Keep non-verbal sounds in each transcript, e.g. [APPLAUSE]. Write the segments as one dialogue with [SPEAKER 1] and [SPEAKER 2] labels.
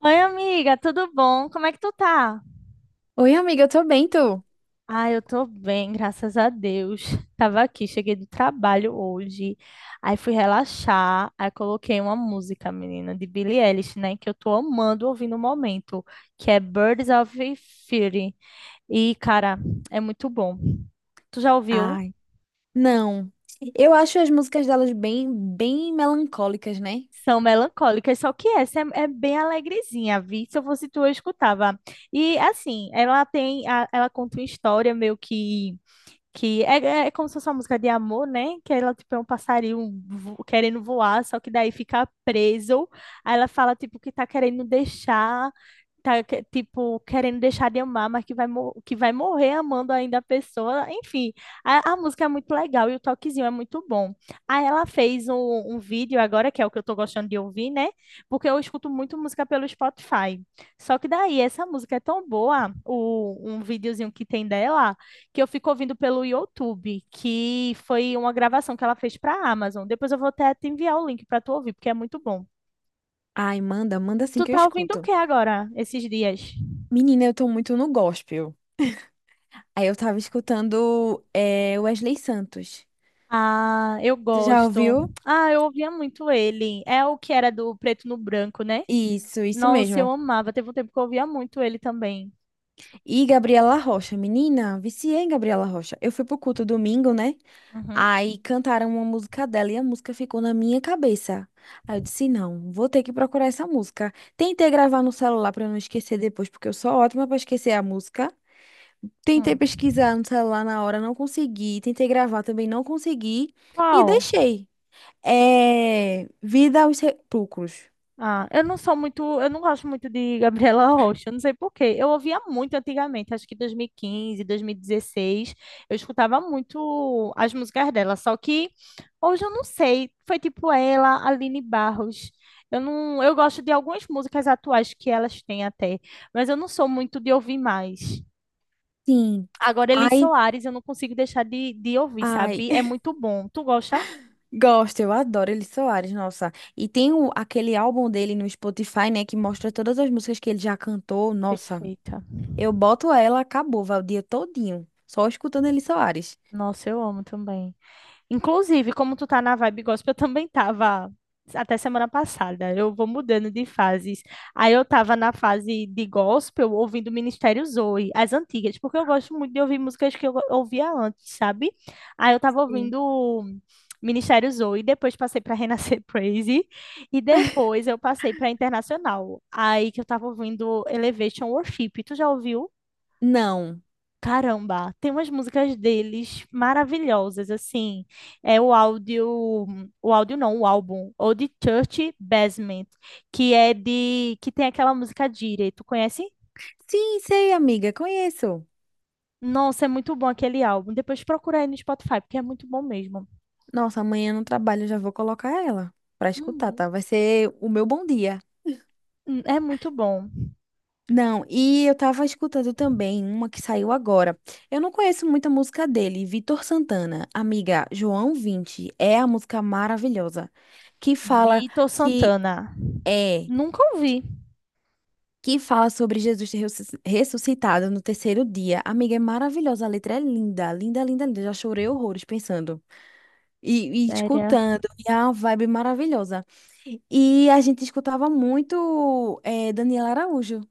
[SPEAKER 1] Oi, amiga, tudo bom? Como é que tu tá?
[SPEAKER 2] Oi, amiga, eu tô bem, tu?
[SPEAKER 1] Ah, eu tô bem, graças a Deus. Tava aqui, cheguei do trabalho hoje, aí fui relaxar, aí coloquei uma música, menina, de Billie Eilish, né, que eu tô amando ouvir no momento, que é Birds of Feather. E, cara, é muito bom. Tu já ouviu?
[SPEAKER 2] Ai, não. Eu acho as músicas delas bem, bem melancólicas, né?
[SPEAKER 1] São melancólicas, só que essa é bem alegrezinha, vi? Se eu fosse tu, eu escutava. E, assim, ela tem, ela conta uma história meio que. Que é como se fosse uma música de amor, né? Que ela, tipo, é um passarinho querendo voar, só que daí fica preso. Aí ela fala, tipo, que tá querendo deixar tá, tipo, querendo deixar de amar, mas que vai, que vai morrer amando ainda a pessoa. Enfim, a música é muito legal e o toquezinho é muito bom. Aí ela fez um vídeo agora, que é o que eu tô gostando de ouvir, né? Porque eu escuto muito música pelo Spotify. Só que daí, essa música é tão boa, um videozinho que tem dela, que eu fico ouvindo pelo YouTube, que foi uma gravação que ela fez pra Amazon. Depois eu vou até te enviar o link para tu ouvir, porque é muito bom.
[SPEAKER 2] Ai, manda, manda assim
[SPEAKER 1] Tu
[SPEAKER 2] que eu
[SPEAKER 1] tá ouvindo o
[SPEAKER 2] escuto.
[SPEAKER 1] que agora, esses dias?
[SPEAKER 2] Menina, eu tô muito no gospel. Aí eu tava escutando Wesley Santos.
[SPEAKER 1] Ah, eu
[SPEAKER 2] Tu já
[SPEAKER 1] gosto.
[SPEAKER 2] ouviu?
[SPEAKER 1] Ah, eu ouvia muito ele. É o que era do Preto no Branco, né?
[SPEAKER 2] Isso
[SPEAKER 1] Nossa, eu
[SPEAKER 2] mesmo.
[SPEAKER 1] amava. Teve um tempo que eu ouvia muito ele também.
[SPEAKER 2] E Gabriela Rocha. Menina, viciei em Gabriela Rocha. Eu fui pro culto domingo, né?
[SPEAKER 1] Uhum.
[SPEAKER 2] Aí cantaram uma música dela e a música ficou na minha cabeça. Aí eu disse, não, vou ter que procurar essa música. Tentei gravar no celular para não esquecer depois, porque eu sou ótima para esquecer a música. Tentei
[SPEAKER 1] Hum.
[SPEAKER 2] pesquisar no celular na hora, não consegui. Tentei gravar também, não consegui. E
[SPEAKER 1] Qual?
[SPEAKER 2] deixei. É... Vida aos Sepulcros.
[SPEAKER 1] Ah, eu não sou muito, eu não gosto muito de Gabriela [LAUGHS] Rocha, eu não sei por quê. Eu ouvia muito antigamente, acho que 2015, 2016, eu escutava muito as músicas dela, só que hoje eu não sei, foi tipo ela, Aline Barros. Eu não, eu gosto de algumas músicas atuais que elas têm até, mas eu não sou muito de ouvir mais.
[SPEAKER 2] Sim.
[SPEAKER 1] Agora, Elis
[SPEAKER 2] Ai,
[SPEAKER 1] Soares, eu não consigo deixar de ouvir,
[SPEAKER 2] ai.
[SPEAKER 1] sabe? É
[SPEAKER 2] [LAUGHS]
[SPEAKER 1] muito bom. Tu gosta?
[SPEAKER 2] Gosto, eu adoro Elis Soares, nossa. E tem aquele álbum dele no Spotify, né, que mostra todas as músicas que ele já cantou. Nossa.
[SPEAKER 1] Perfeita.
[SPEAKER 2] Eu boto ela, acabou, vai o dia todinho, só escutando Eli Soares.
[SPEAKER 1] Nossa, eu amo também. Inclusive, como tu tá na vibe gospel, eu também tava até semana passada. Eu vou mudando de fases. Aí eu tava na fase de gospel, ouvindo Ministério Zoe, as antigas, porque eu gosto muito de ouvir músicas que eu ouvia antes, sabe? Aí eu tava
[SPEAKER 2] Sim.
[SPEAKER 1] ouvindo Ministério Zoe, depois passei pra Renascer [LAUGHS] Praise e depois eu passei pra Internacional. Aí que eu tava ouvindo Elevation Worship. Tu já ouviu?
[SPEAKER 2] Não.
[SPEAKER 1] Caramba, tem umas músicas deles maravilhosas, assim. É o áudio não, o álbum, ou de Church Basement, que é de, que tem aquela música Jire, tu conhece?
[SPEAKER 2] Sim, sei, amiga, conheço.
[SPEAKER 1] Nossa, é muito bom aquele álbum. Depois procura aí no Spotify, porque é muito bom mesmo.
[SPEAKER 2] Nossa, amanhã no trabalho eu já vou colocar ela pra escutar,
[SPEAKER 1] Uhum.
[SPEAKER 2] tá? Vai ser o meu bom dia.
[SPEAKER 1] É muito bom.
[SPEAKER 2] Não, e eu tava escutando também uma que saiu agora. Eu não conheço muita música dele, Vitor Santana. Amiga, João Vinte é a música maravilhosa que fala
[SPEAKER 1] Vitor
[SPEAKER 2] que
[SPEAKER 1] Santana.
[SPEAKER 2] é
[SPEAKER 1] Nunca ouvi.
[SPEAKER 2] que fala sobre Jesus ter ressuscitado no terceiro dia. Amiga, é maravilhosa, a letra é linda, linda, linda, linda. Já chorei horrores pensando e
[SPEAKER 1] Sério.
[SPEAKER 2] escutando, e é uma vibe maravilhosa. E a gente escutava muito Daniela Araújo,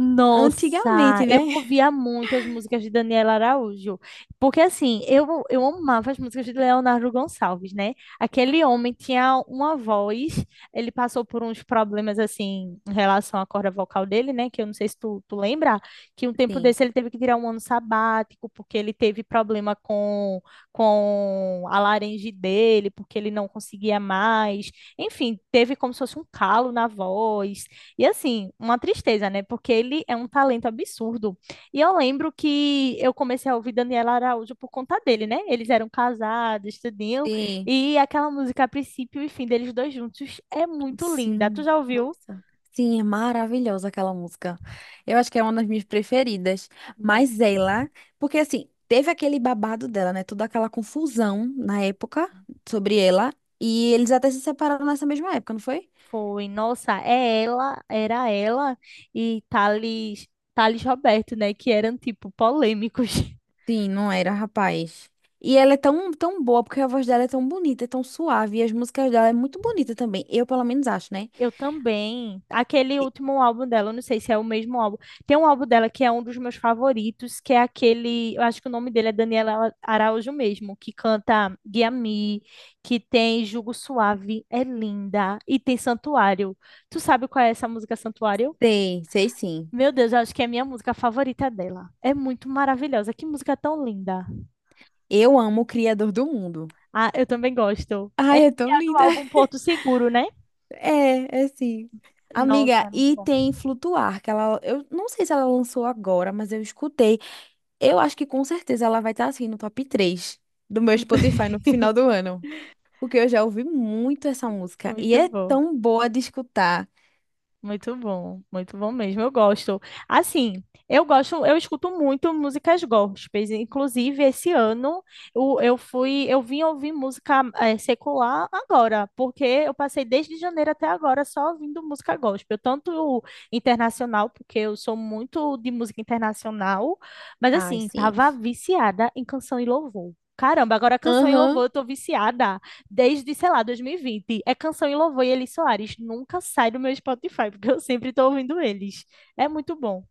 [SPEAKER 1] Nossa,
[SPEAKER 2] antigamente,
[SPEAKER 1] eu
[SPEAKER 2] né?
[SPEAKER 1] ouvia muito as músicas de Daniela Araújo, porque assim, eu amava as músicas de Leonardo Gonçalves, né? Aquele homem tinha uma voz, ele passou por uns problemas assim em relação à corda vocal dele, né? Que eu não sei se tu lembra, que um tempo
[SPEAKER 2] Sim,
[SPEAKER 1] desse ele teve que tirar um ano sabático, porque ele teve problema com a laringe dele, porque ele não conseguia mais, enfim, teve como se fosse um calo na voz, e assim, uma tristeza, né? Porque ele é um talento absurdo. E eu lembro que eu comecei a ouvir Daniela Araújo por conta dele, né? Eles eram casados, tudinho.
[SPEAKER 2] sim.
[SPEAKER 1] E aquela música, a princípio e fim deles dois juntos, é muito linda. Tu
[SPEAKER 2] Sim,
[SPEAKER 1] já ouviu?
[SPEAKER 2] nossa. Sim, é maravilhosa aquela música. Eu acho que é uma das minhas preferidas. Mas
[SPEAKER 1] Nossa,
[SPEAKER 2] ela, porque assim, teve aquele babado dela, né? Toda aquela confusão
[SPEAKER 1] sim.
[SPEAKER 2] na época sobre ela. E eles até se separaram nessa mesma época, não foi?
[SPEAKER 1] Foi, nossa, é ela, era ela e Thales, Thales Roberto, né? Que eram, tipo, polêmicos. [LAUGHS]
[SPEAKER 2] Sim, não era, rapaz. E ela é tão, tão boa, porque a voz dela é tão bonita, é tão suave, e as músicas dela é muito bonita também. Eu, pelo menos, acho, né?
[SPEAKER 1] Eu também. Aquele último álbum dela, eu não sei se é o mesmo álbum. Tem um álbum dela que é um dos meus favoritos, que é aquele, eu acho que o nome dele é Daniela Araújo mesmo, que canta Guia Me, que tem Jugo Suave, é linda, e tem Santuário. Tu sabe qual é essa música Santuário?
[SPEAKER 2] Sei, sei sim.
[SPEAKER 1] Meu Deus, eu acho que é a minha música favorita dela. É muito maravilhosa. Que música tão linda.
[SPEAKER 2] Eu amo o Criador do Mundo.
[SPEAKER 1] Ah, eu também gosto. É
[SPEAKER 2] Ai, é tão
[SPEAKER 1] a do
[SPEAKER 2] linda.
[SPEAKER 1] álbum Porto Seguro, né?
[SPEAKER 2] É, é assim.
[SPEAKER 1] Nossa,
[SPEAKER 2] Amiga,
[SPEAKER 1] é muito
[SPEAKER 2] e
[SPEAKER 1] bom.
[SPEAKER 2] tem Flutuar, que ela, eu não sei se ela lançou agora, mas eu escutei. Eu acho que com certeza ela vai estar assim no top 3 do meu
[SPEAKER 1] [LAUGHS]
[SPEAKER 2] Spotify no final do ano, porque eu já ouvi muito essa música e
[SPEAKER 1] Muito
[SPEAKER 2] é
[SPEAKER 1] bom.
[SPEAKER 2] tão boa de escutar.
[SPEAKER 1] Muito bom, muito bom mesmo. Eu gosto. Assim, eu gosto, eu escuto muito músicas gospels. Inclusive, esse ano eu fui, eu vim ouvir música secular agora, porque eu passei desde janeiro até agora só ouvindo música gospel, tanto internacional, porque eu sou muito de música internacional, mas
[SPEAKER 2] Ai,
[SPEAKER 1] assim,
[SPEAKER 2] sim.
[SPEAKER 1] tava viciada em canção e louvor. Caramba, agora canção e
[SPEAKER 2] Aham.
[SPEAKER 1] louvor eu tô viciada desde, sei lá, 2020, É Canção e Louvor e Elis Soares. Nunca sai do meu Spotify, [LAUGHS] porque eu sempre tô ouvindo eles. É muito bom.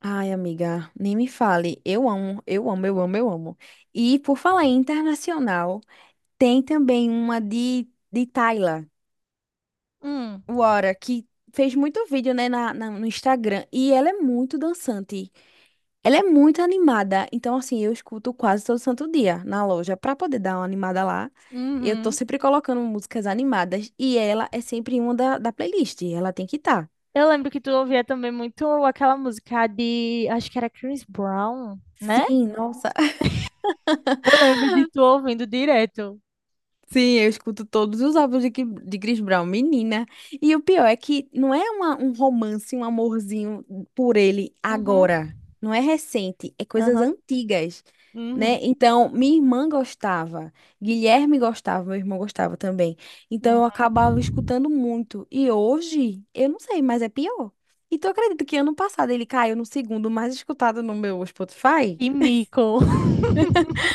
[SPEAKER 2] Ai, amiga, nem me fale. Eu amo, eu amo, eu amo, eu amo. E por falar em internacional, tem também uma de Tyla.
[SPEAKER 1] Hum,
[SPEAKER 2] Wara, que fez muito vídeo, né, no Instagram. E ela é muito dançante. Ela é muito animada. Então, assim, eu escuto quase todo santo dia na loja pra poder dar uma animada lá. Eu tô
[SPEAKER 1] uhum.
[SPEAKER 2] sempre colocando músicas animadas. E ela é sempre uma da playlist. Ela tem que estar.
[SPEAKER 1] Eu lembro que tu ouvia também muito aquela música de, acho que era Chris Brown, né?
[SPEAKER 2] Sim, nossa.
[SPEAKER 1] Eu lembro de tu ouvindo direto.
[SPEAKER 2] Sim, eu escuto todos os álbuns de Chris Brown, menina. E o pior é que não é um romance, um amorzinho por ele
[SPEAKER 1] Uhum,
[SPEAKER 2] agora. Não é recente, é coisas
[SPEAKER 1] uhum,
[SPEAKER 2] antigas, né?
[SPEAKER 1] uhum,
[SPEAKER 2] Então, minha irmã gostava, Guilherme gostava, meu irmão gostava também. Então,
[SPEAKER 1] uhum.
[SPEAKER 2] eu acabava escutando muito. E hoje, eu não sei, mas é pior. E tu acredita que ano passado ele caiu no segundo mais escutado no meu Spotify?
[SPEAKER 1] Que mico. [LAUGHS]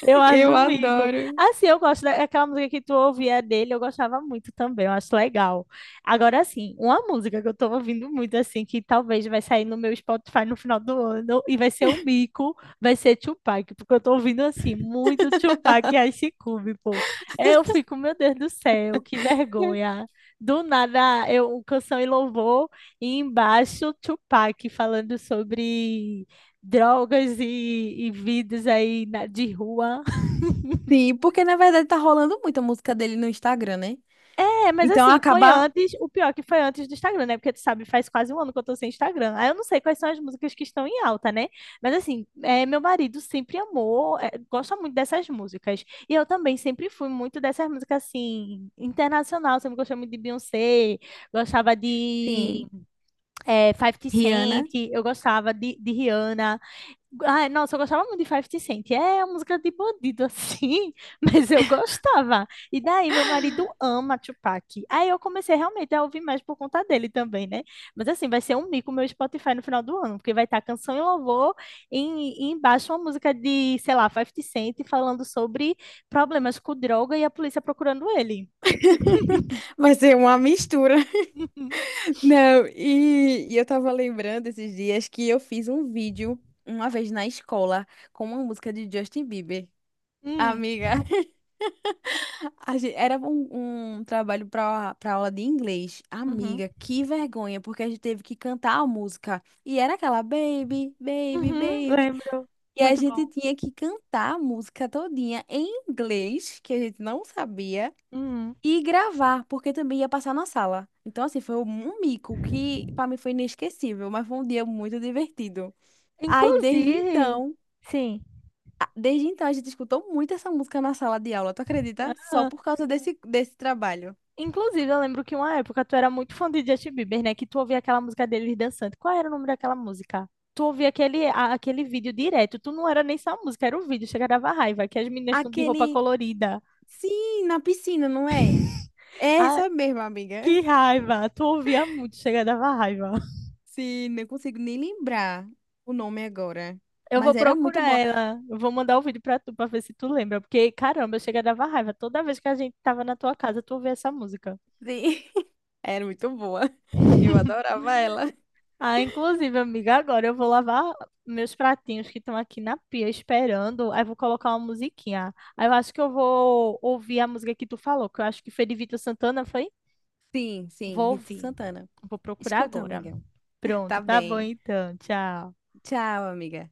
[SPEAKER 1] Eu acho
[SPEAKER 2] Eu
[SPEAKER 1] amigo.
[SPEAKER 2] adoro.
[SPEAKER 1] Assim, eu gosto daquela música que tu ouvia dele, eu gostava muito também, eu acho legal. Agora, assim, uma música que eu tô ouvindo muito, assim, que talvez vai sair no meu Spotify no final do ano e vai ser um bico, vai ser Tupac, porque eu tô ouvindo, assim, muito Tupac e Ice Cube, pô. Eu fico, meu Deus do céu, que vergonha. Do nada, eu, canção e louvor, e embaixo Tupac falando sobre drogas e vidas aí de rua.
[SPEAKER 2] Sim, porque na verdade tá rolando muita música dele no Instagram, né?
[SPEAKER 1] É, mas
[SPEAKER 2] Então
[SPEAKER 1] assim, foi
[SPEAKER 2] acaba.
[SPEAKER 1] antes, o pior que foi antes do Instagram, né? Porque tu sabe, faz quase um ano que eu tô sem Instagram. Aí eu não sei quais são as músicas que estão em alta, né? Mas assim, é, meu marido sempre amou, é, gosta muito dessas músicas. E eu também sempre fui muito dessas músicas, assim, internacional. Sempre gostei muito de Beyoncé, gostava de
[SPEAKER 2] Sim.
[SPEAKER 1] é, 50
[SPEAKER 2] Rihanna.
[SPEAKER 1] Cent, eu gostava de Rihanna. Ai, nossa, eu gostava muito de 50 Cent. É uma música de bandido, assim, [LAUGHS] mas eu gostava. E daí, meu marido ama Tupac. Aí eu comecei realmente a ouvir mais por conta dele também, né? Mas assim, vai ser um mico meu Spotify no final do ano, porque vai estar canção e louvor e embaixo uma música de, sei lá, 50 Cent falando sobre problemas com droga e a polícia procurando ele.
[SPEAKER 2] [LAUGHS] Vai ser uma mistura.
[SPEAKER 1] [LAUGHS]
[SPEAKER 2] [LAUGHS] Não, e eu tava lembrando esses dias que eu fiz um vídeo uma vez na escola com uma música de Justin Bieber.
[SPEAKER 1] Hum,
[SPEAKER 2] Amiga, [LAUGHS] era um trabalho para aula de inglês.
[SPEAKER 1] uhum,
[SPEAKER 2] Amiga, que vergonha, porque a gente teve que cantar a música. E era aquela baby, baby,
[SPEAKER 1] uhum,
[SPEAKER 2] baby.
[SPEAKER 1] lembro.
[SPEAKER 2] E a
[SPEAKER 1] Muito
[SPEAKER 2] gente
[SPEAKER 1] bom.
[SPEAKER 2] tinha que cantar a música todinha em inglês, que a gente não sabia,
[SPEAKER 1] Uhum.
[SPEAKER 2] e gravar, porque também ia passar na sala. Então, assim, foi um mico que para mim foi inesquecível, mas foi um dia muito divertido. Aí, desde
[SPEAKER 1] Inclusive,
[SPEAKER 2] então,
[SPEAKER 1] sim.
[SPEAKER 2] desde então a gente escutou muito essa música na sala de aula, tu acredita? Só por causa desse trabalho.
[SPEAKER 1] Inclusive, eu lembro que uma época tu era muito fã de Justin Bieber, né? Que tu ouvia aquela música dele dançando. Qual era o nome daquela música? Tu ouvia aquele, aquele vídeo direto. Tu não era nem só a música, era o vídeo. Chega dava raiva, que as meninas estão de roupa
[SPEAKER 2] Aquele,
[SPEAKER 1] colorida.
[SPEAKER 2] sim, na piscina, não é? É
[SPEAKER 1] Ah,
[SPEAKER 2] essa mesma, amiga.
[SPEAKER 1] que
[SPEAKER 2] [LAUGHS]
[SPEAKER 1] raiva! Tu ouvia muito, chega dava raiva.
[SPEAKER 2] Sim, não consigo nem lembrar o nome agora,
[SPEAKER 1] Eu vou
[SPEAKER 2] mas era muito
[SPEAKER 1] procurar
[SPEAKER 2] boa.
[SPEAKER 1] ela. Eu vou mandar o vídeo pra tu pra ver se tu lembra. Porque, caramba, chega dava raiva. Toda vez que a gente tava na tua casa, tu ouvia essa música.
[SPEAKER 2] [LAUGHS] Era muito boa. [LAUGHS] Eu
[SPEAKER 1] [LAUGHS]
[SPEAKER 2] adorava ela.
[SPEAKER 1] Ah, inclusive, amiga, agora eu vou lavar meus pratinhos que estão aqui na pia esperando. Aí vou colocar uma musiquinha. Aí eu acho que eu vou ouvir a música que tu falou, que eu acho que foi de Vitor Santana, foi?
[SPEAKER 2] Sim, sim,
[SPEAKER 1] Vou
[SPEAKER 2] Vitor
[SPEAKER 1] ouvir.
[SPEAKER 2] Santana.
[SPEAKER 1] Vou procurar
[SPEAKER 2] Escuta,
[SPEAKER 1] agora.
[SPEAKER 2] amiga.
[SPEAKER 1] Pronto,
[SPEAKER 2] Tá
[SPEAKER 1] tá bom
[SPEAKER 2] bem.
[SPEAKER 1] então. Tchau.
[SPEAKER 2] Tchau, amiga.